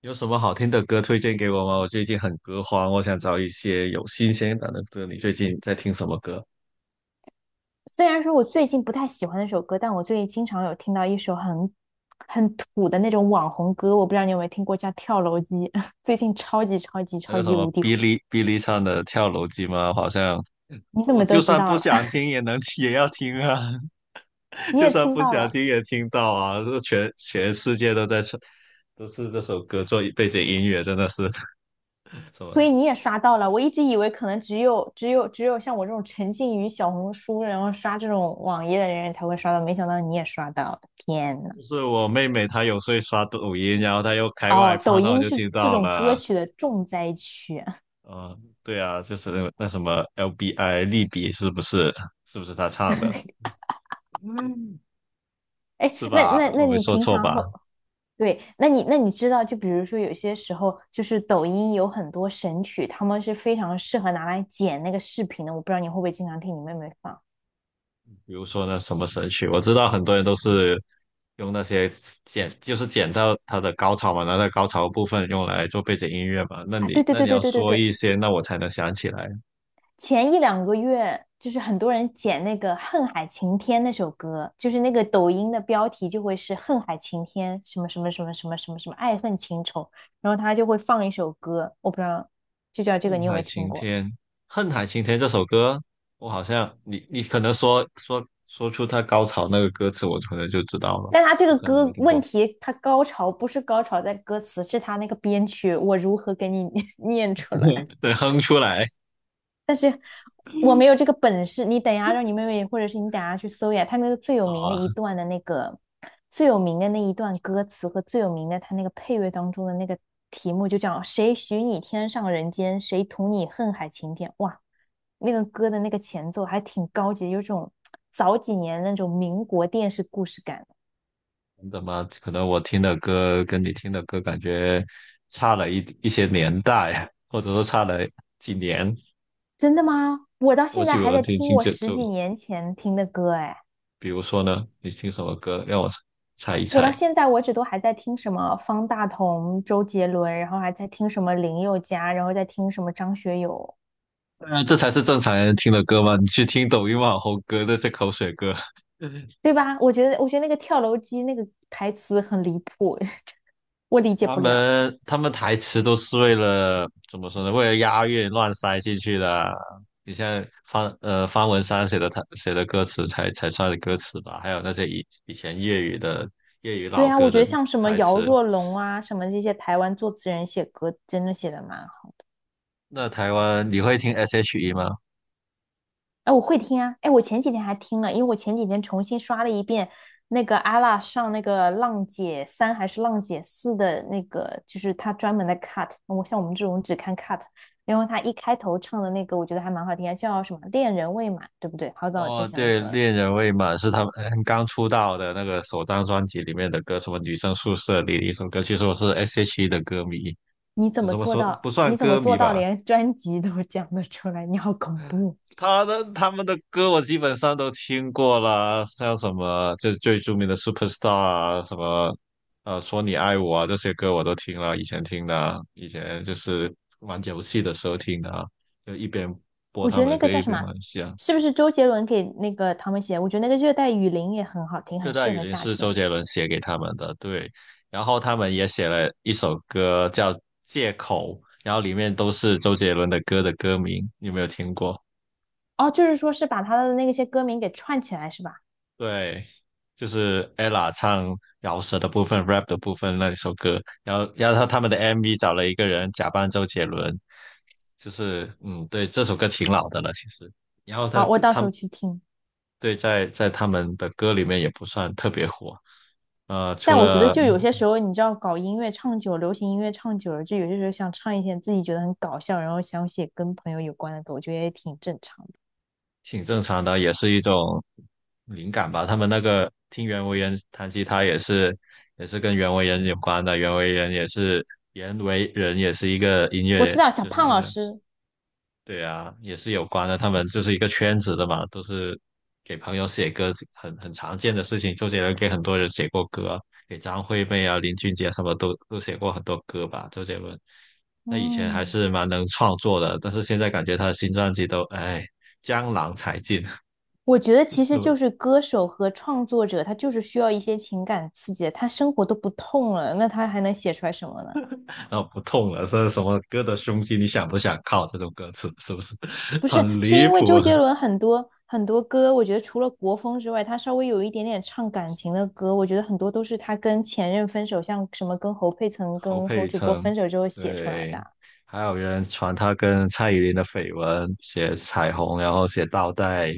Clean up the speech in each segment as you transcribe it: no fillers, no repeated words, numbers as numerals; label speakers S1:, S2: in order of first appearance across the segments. S1: 有什么好听的歌推荐给我吗？我最近很歌荒，我想找一些有新鲜感的歌。你最近在听什么歌？
S2: 虽然说我最近不太喜欢那首歌，但我最近经常有听到一首很土的那种网红歌，我不知道你有没有听过，叫《跳楼机》，最近超级超级
S1: 那
S2: 超
S1: 个什
S2: 级
S1: 么
S2: 无敌
S1: 哔
S2: 火。
S1: 哩哔哩唱的《跳楼机》吗？好像
S2: 你怎
S1: 我
S2: 么都
S1: 就
S2: 知
S1: 算
S2: 道
S1: 不
S2: 了？
S1: 想 听也要听啊，
S2: 你
S1: 就
S2: 也
S1: 算
S2: 听
S1: 不
S2: 到
S1: 想
S2: 了，
S1: 听也听到啊。这全世界都在唱，都是这首歌做背景音乐，真的是 什
S2: 所
S1: 么？
S2: 以你也刷到了。我一直以为可能只有像我这种沉浸于小红书，然后刷这种网页的人才会刷到，没想到你也刷到了，天呐！
S1: 就是我妹妹她有时候刷抖音，然后她又开外
S2: 哦，抖
S1: 放，那我
S2: 音
S1: 就
S2: 是
S1: 听
S2: 这
S1: 到
S2: 种歌
S1: 了。
S2: 曲的重灾区啊。
S1: 嗯，对啊，就是那什么 LBI 利比是不是？是不是他唱的？嗯，
S2: 哎，
S1: 是
S2: 那
S1: 吧？
S2: 那
S1: 我
S2: 那
S1: 没
S2: 你
S1: 说
S2: 平
S1: 错
S2: 常
S1: 吧？
S2: 会对，那你知道，就比如说有些时候，就是抖音有很多神曲，他们是非常适合拿来剪那个视频的。我不知道你会不会经常听你妹妹放
S1: 比如说那什么神曲，我知道很多人都是用那些剪，就是剪到他的高潮嘛，拿到高潮部分用来做背景音乐嘛。那
S2: 啊？
S1: 你那你要说
S2: 对，
S1: 一些，那我才能想起来。
S2: 前一两个月就是很多人剪那个《恨海晴天》那首歌，就是那个抖音的标题就会是《恨海晴天》什么什么什么什么什么什么爱恨情仇，然后他就会放一首歌，我不知道就叫这个，
S1: 恨
S2: 你有没
S1: 海
S2: 有听
S1: 晴
S2: 过？
S1: 天，恨海晴天这首歌，我好像你可能说出他高潮那个歌词，我可能就知道了，
S2: 但他这
S1: 我
S2: 个
S1: 可能没
S2: 歌
S1: 听
S2: 问
S1: 过。
S2: 题，他高潮不是高潮在歌词，是他那个编曲，我如何给你 念出来？
S1: 对，哼出来。
S2: 我没有这个本事。你等一下让你妹妹，或者是你等一下去搜一下他那个最有
S1: 好
S2: 名的
S1: 啊，
S2: 一段的那个最有名的那一段歌词和最有名的他那个配乐当中的那个题目就叫“谁许你天上人间，谁图你恨海情天”。哇，那个歌的那个前奏还挺高级，有种早几年那种民国电视故事感。
S1: 真的吗？可能我听的歌跟你听的歌感觉差了一些年代啊，或者说差了几年。
S2: 真的吗？我到
S1: 我
S2: 现在
S1: 喜
S2: 还
S1: 欢
S2: 在
S1: 听
S2: 听
S1: 听
S2: 我
S1: 这
S2: 十
S1: 就
S2: 几年前听的歌，哎，
S1: 比如说呢，你听什么歌？让我猜一
S2: 我到
S1: 猜。
S2: 现在为止都还在听什么方大同、周杰伦，然后还在听什么林宥嘉，然后在听什么张学友，
S1: 这才是正常人听的歌吗？你去听抖音网红歌那些口水歌，
S2: 对吧？我觉得那个跳楼机那个台词很离谱，我理解
S1: 他
S2: 不了。
S1: 们他们台词都是为了怎么说呢？为了押韵乱塞进去的。你像方文山写的他写的歌词才算是歌词吧，还有那些以前粤语
S2: 对
S1: 老
S2: 啊，
S1: 歌
S2: 我觉
S1: 的
S2: 得像什么
S1: 台
S2: 姚
S1: 词。
S2: 若龙啊，什么这些台湾作词人写歌，真的写的蛮好。
S1: 那台湾你会听 S.H.E 吗？
S2: 哎，我会听啊！哎，我前几天还听了，因为我前几天重新刷了一遍那个阿拉上那个《浪姐三》还是《浪姐四》的那个，就是他专门的 cut。我像我们这种只看 cut，然后他一开头唱的那个，我觉得还蛮好听啊，叫什么“恋人未满”，对不对？好早之
S1: 哦，
S2: 前的
S1: 对，
S2: 歌了。
S1: 恋人未满是他们刚出道的那个首张专辑里面的歌，什么女生宿舍里的一首歌。其实我是 S.H.E 的歌迷，
S2: 你怎么
S1: 怎么
S2: 做
S1: 说
S2: 到？
S1: 不算
S2: 你怎么
S1: 歌迷
S2: 做到
S1: 吧？
S2: 连专辑都讲得出来？你好恐怖！
S1: 他们的歌我基本上都听过啦，像什么这最著名的《Superstar》啊，什么《说你爱我》啊，这些歌我都听了，以前听的啊以前就是玩游戏的时候听的啊，就一边播
S2: 我觉
S1: 他
S2: 得
S1: 们
S2: 那
S1: 的
S2: 个
S1: 歌
S2: 叫
S1: 一
S2: 什
S1: 边
S2: 么？
S1: 玩游戏啊。
S2: 是不是周杰伦给那个他们写？我觉得那个《热带雨林》也很好听，
S1: 《热
S2: 很
S1: 带
S2: 适
S1: 雨
S2: 合
S1: 林》
S2: 夏
S1: 是周
S2: 天。
S1: 杰伦写给他们的，对，然后他们也写了一首歌叫《借口》，然后里面都是周杰伦的歌的歌名，你有没有听过？
S2: 哦，就是说是把他的那些歌名给串起来是吧？
S1: 对，就是 ella 唱饶舌的部分、rap 的部分那一首歌，然后他们的 MV 找了一个人假扮周杰伦，就是对，这首歌挺老的了其实，然后他
S2: 好，我
S1: 这
S2: 到
S1: 他
S2: 时
S1: 们
S2: 候去听。
S1: 对在他们的歌里面也不算特别火，除
S2: 但我觉得
S1: 了
S2: 就有些时候，你知道，搞音乐唱久，流行音乐唱久了，就有些时候想唱一些自己觉得很搞笑，然后想写跟朋友有关的歌，我觉得也挺正常的。
S1: 挺正常的，也是一种灵感吧。他们那个听袁惟仁弹吉他也是跟袁惟仁有关的，袁惟仁也是一个音
S2: 我
S1: 乐
S2: 知道小
S1: 就是
S2: 胖老师，
S1: 对啊，也是有关的。他们就是一个圈子的嘛，都是给朋友写歌，很常见的事情。周杰伦给很多人写过歌，给张惠妹啊、林俊杰啊什么都写过很多歌吧。周杰伦那以前还
S2: 嗯，
S1: 是蛮能创作的，但是现在感觉他的新专辑都哎江郎才尽，是
S2: 我觉得其实就
S1: 不？
S2: 是歌手和创作者，他就是需要一些情感刺激的，他生活都不痛了，那他还能写出来什么呢？
S1: 然后不痛了，这是什么歌的胸肌？你想不想靠这种歌词？是不是
S2: 不是，
S1: 很
S2: 是
S1: 离
S2: 因为
S1: 谱
S2: 周
S1: 啊？
S2: 杰伦很多歌，我觉得除了国风之外，他稍微有一点点唱感情的歌，我觉得很多都是他跟前任分手，像什么跟侯佩岑、
S1: 侯
S2: 跟侯
S1: 佩
S2: 主播
S1: 岑，
S2: 分手之后写出来
S1: 对，
S2: 的。
S1: 还有人传他跟蔡依林的绯闻，写彩虹，然后写倒带，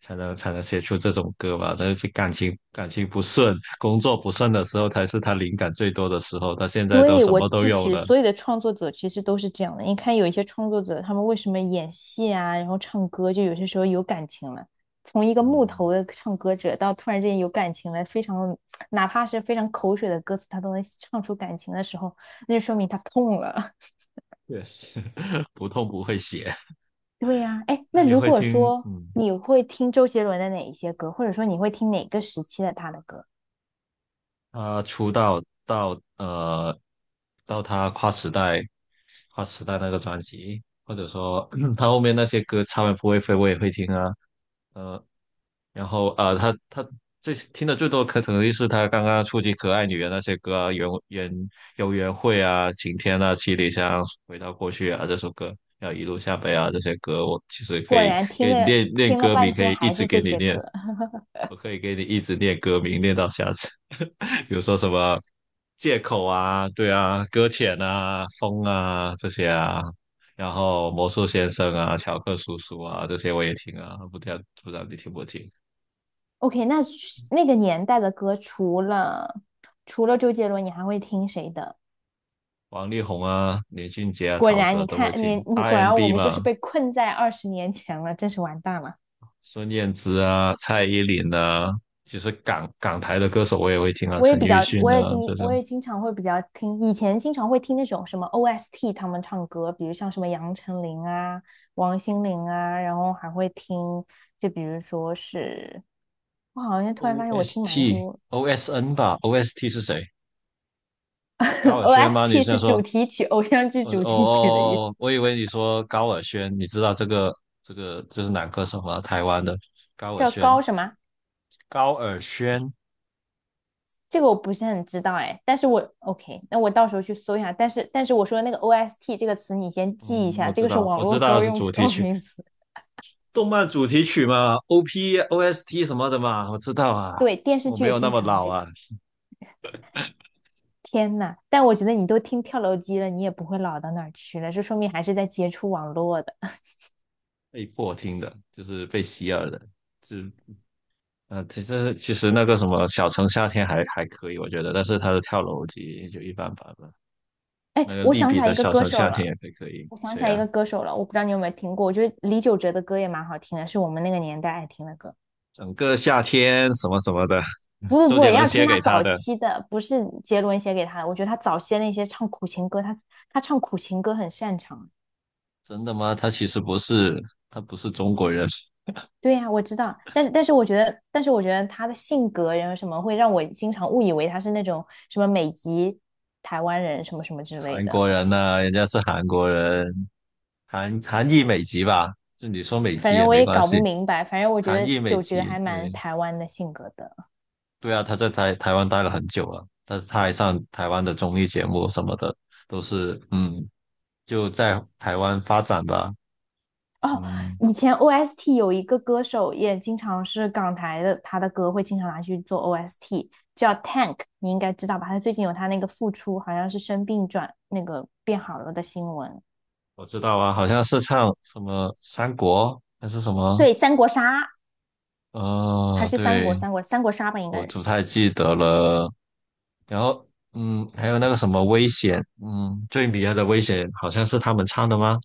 S1: 才能写出这种歌吧？那就感情不顺，工作不顺的时候，才是他灵感最多的时候。他现在都
S2: 对，
S1: 什
S2: 我
S1: 么都
S2: 支
S1: 有
S2: 持
S1: 了，
S2: 所有的创作者，其实都是这样的。你看有一些创作者，他们为什么演戏啊，然后唱歌，就有些时候有感情了。从一个木
S1: 嗯，
S2: 头的唱歌者到突然之间有感情了，非常哪怕是非常口水的歌词，他都能唱出感情的时候，那就说明他痛了。
S1: 确实 不痛不会写。
S2: 对呀，哎，
S1: 那
S2: 那
S1: 你
S2: 如
S1: 会
S2: 果
S1: 听，
S2: 说你会听周杰伦的哪一些歌，或者说你会听哪个时期的他的歌？
S1: 他出道到他跨时代花时代那个专辑，或者说 他后面那些歌超人不会飞我也会听啊，呃，然后他最听的最多可能就是他刚刚触及可爱女人那些歌啊，缘缘游园会啊，晴天啊，七里香，回到过去啊这首歌，还有一路向北啊这些歌，我其实可
S2: 果
S1: 以
S2: 然听
S1: 给你
S2: 了
S1: 练练
S2: 听了
S1: 歌名，
S2: 半
S1: 可以
S2: 天
S1: 一
S2: 还
S1: 直
S2: 是
S1: 给
S2: 这
S1: 你
S2: 些
S1: 练。
S2: 歌。
S1: 我可以给你一直念歌名，念到下次。比如说什么借口啊，对啊，搁浅啊，风啊这些啊，然后魔术先生啊，乔克叔叔啊这些我也听啊，不知道你听不听？
S2: OK，那那个年代的歌，除了周杰伦，你还会听谁的？
S1: 王力宏啊，林俊杰啊，
S2: 果
S1: 陶
S2: 然，
S1: 喆啊
S2: 你
S1: 都会
S2: 看
S1: 听
S2: 你你果然我
S1: ，R&B n
S2: 们就是
S1: 嘛，
S2: 被困在二十年前了，真是完蛋了。
S1: 孙燕姿啊，蔡依林啊，其实港台的歌手我也会听啊，陈奕迅啊这
S2: 我
S1: 种。
S2: 也经常会比较听，以前经常会听那种什么 OST 他们唱歌，比如像什么杨丞琳啊、王心凌啊，然后还会听，就比如说是，我好像突然发现我听蛮
S1: OST
S2: 多
S1: OSN 吧，OST 是谁？高 尔宣吗？你
S2: OST
S1: 是要
S2: 是主
S1: 说
S2: 题曲，偶像剧
S1: 哦
S2: 主题曲的意思，
S1: 哦，我以为你说高尔宣，你知道这个就是男歌手吗？台湾的高尔
S2: 叫
S1: 宣，
S2: 高什么？
S1: 高尔宣，
S2: 这个我不是很知道哎，但是我 OK，那我到时候去搜一下。但是我说的那个 OST 这个词，你先记一
S1: 嗯，
S2: 下，
S1: 我
S2: 这
S1: 知
S2: 个是
S1: 道，
S2: 网
S1: 我知
S2: 络
S1: 道
S2: 高
S1: 是
S2: 用
S1: 主题
S2: 高
S1: 曲，
S2: 频词。
S1: 动漫主题曲嘛，OP、OST 什么的嘛，我知道啊，
S2: 对，电视
S1: 我
S2: 剧
S1: 没
S2: 也
S1: 有那
S2: 经
S1: 么
S2: 常
S1: 老
S2: 这个。
S1: 啊，
S2: 天呐，但我觉得你都听跳楼机了，你也不会老到哪儿去了，这说明还是在接触网络的。
S1: 被迫听的，就是被洗耳的，就其实那个什么小城夏天还可以，我觉得，但是他的跳楼机也就一般般吧，
S2: 哎，
S1: 那个利比的小城夏天也可以，可以，
S2: 我想起
S1: 谁
S2: 来一
S1: 呀？
S2: 个歌手了，我不知道你有没有听过，我觉得李玖哲的歌也蛮好听的，是我们那个年代爱听的歌。
S1: 整个夏天什么什么的，
S2: 不不
S1: 周
S2: 不，
S1: 杰伦
S2: 要听
S1: 写
S2: 他
S1: 给他
S2: 早
S1: 的。
S2: 期的，不是杰伦写给他的。我觉得他早期的那些唱苦情歌，他唱苦情歌很擅长。
S1: 真的吗？他其实不是，他不是中国人，
S2: 对呀，我知道，但是我觉得，但是我觉得他的性格然后什么会让我经常误以为他是那种什么美籍台湾人什么什么之类
S1: 韩
S2: 的。
S1: 国人呐、人家是韩国人，韩裔美籍吧？就你说美
S2: 反
S1: 籍
S2: 正
S1: 也
S2: 我
S1: 没
S2: 也
S1: 关
S2: 搞不
S1: 系，
S2: 明白，反正我觉
S1: 韩
S2: 得
S1: 裔美
S2: 九哲
S1: 籍，
S2: 还蛮
S1: 对
S2: 台湾的性格的
S1: 对啊，他在台湾待了很久了，但是他还上台湾的综艺节目什么的，都是就在台湾发展吧，
S2: 哦。
S1: 嗯，
S2: 以前 OST 有一个歌手也经常是港台的，他的歌会经常拿去做 OST，叫 Tank，你应该知道吧？他最近有他那个复出，好像是生病转那个变好了的新闻。
S1: 我知道啊，好像是唱什么三国还是什么，
S2: 对，三国杀还是
S1: 对，
S2: 三国杀吧，应
S1: 我
S2: 该
S1: 不
S2: 是
S1: 太记得了。然后，还有那个什么危险，最迷人的危险好像是他们唱的吗？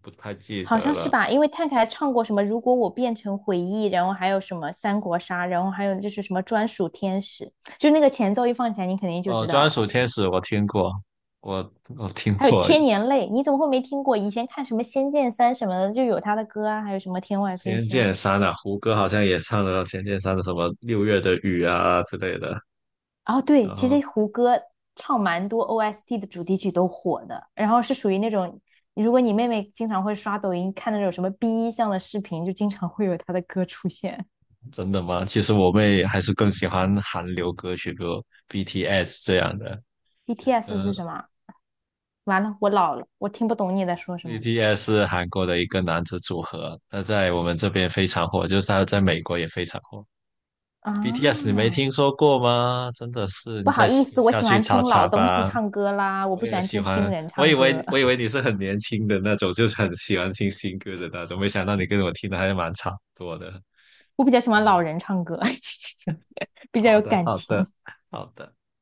S1: 不太记
S2: 好
S1: 得
S2: 像是
S1: 了。
S2: 吧？因为 Tank 还唱过什么如果我变成回忆，然后还有什么三国杀，然后还有就是什么专属天使，就那个前奏一放起来，你肯定就知道
S1: 专
S2: 了。
S1: 属天使我听过，我听
S2: 还有
S1: 过
S2: 千年泪，你怎么会没听过？以前看什么《仙剑三》什么的，就有他的歌啊，还有什么《天外飞
S1: 《仙
S2: 仙》。
S1: 剑三》啊，胡歌好像也唱了《仙剑三》的什么《六月的雨》啊之类的。
S2: 哦，对，
S1: 然
S2: 其
S1: 后，
S2: 实胡歌唱蛮多 OST 的主题曲都火的，然后是属于那种，如果你妹妹经常会刷抖音看那种什么 B 一项的视频，就经常会有他的歌出现。
S1: 真的吗？其实我妹还是更喜欢韩流歌曲，比如 BTS 这样的。
S2: BTS 是
S1: 嗯、
S2: 什么？完了，我老了，我听不懂你在说什么
S1: BTS 是韩国的一个男子组合，那在我们这边非常火，就是他在美国也非常火。
S2: 啊！
S1: BTS 你没听说过吗？真的是，你
S2: 不好
S1: 再
S2: 意思，我
S1: 下
S2: 喜
S1: 去
S2: 欢
S1: 查
S2: 听老
S1: 查
S2: 东西
S1: 吧。
S2: 唱歌啦，我
S1: 我
S2: 不喜
S1: 也
S2: 欢
S1: 喜
S2: 听新
S1: 欢，
S2: 人
S1: 我
S2: 唱
S1: 以为
S2: 歌。
S1: 我 以为你是很年轻的那种，就是很喜欢听新歌的那种，没想到你跟我听的还蛮差不多的。
S2: 我比较喜欢老
S1: 嗯
S2: 人唱歌，比较
S1: 好
S2: 有
S1: 的，
S2: 感
S1: 好的，
S2: 情。
S1: 好的。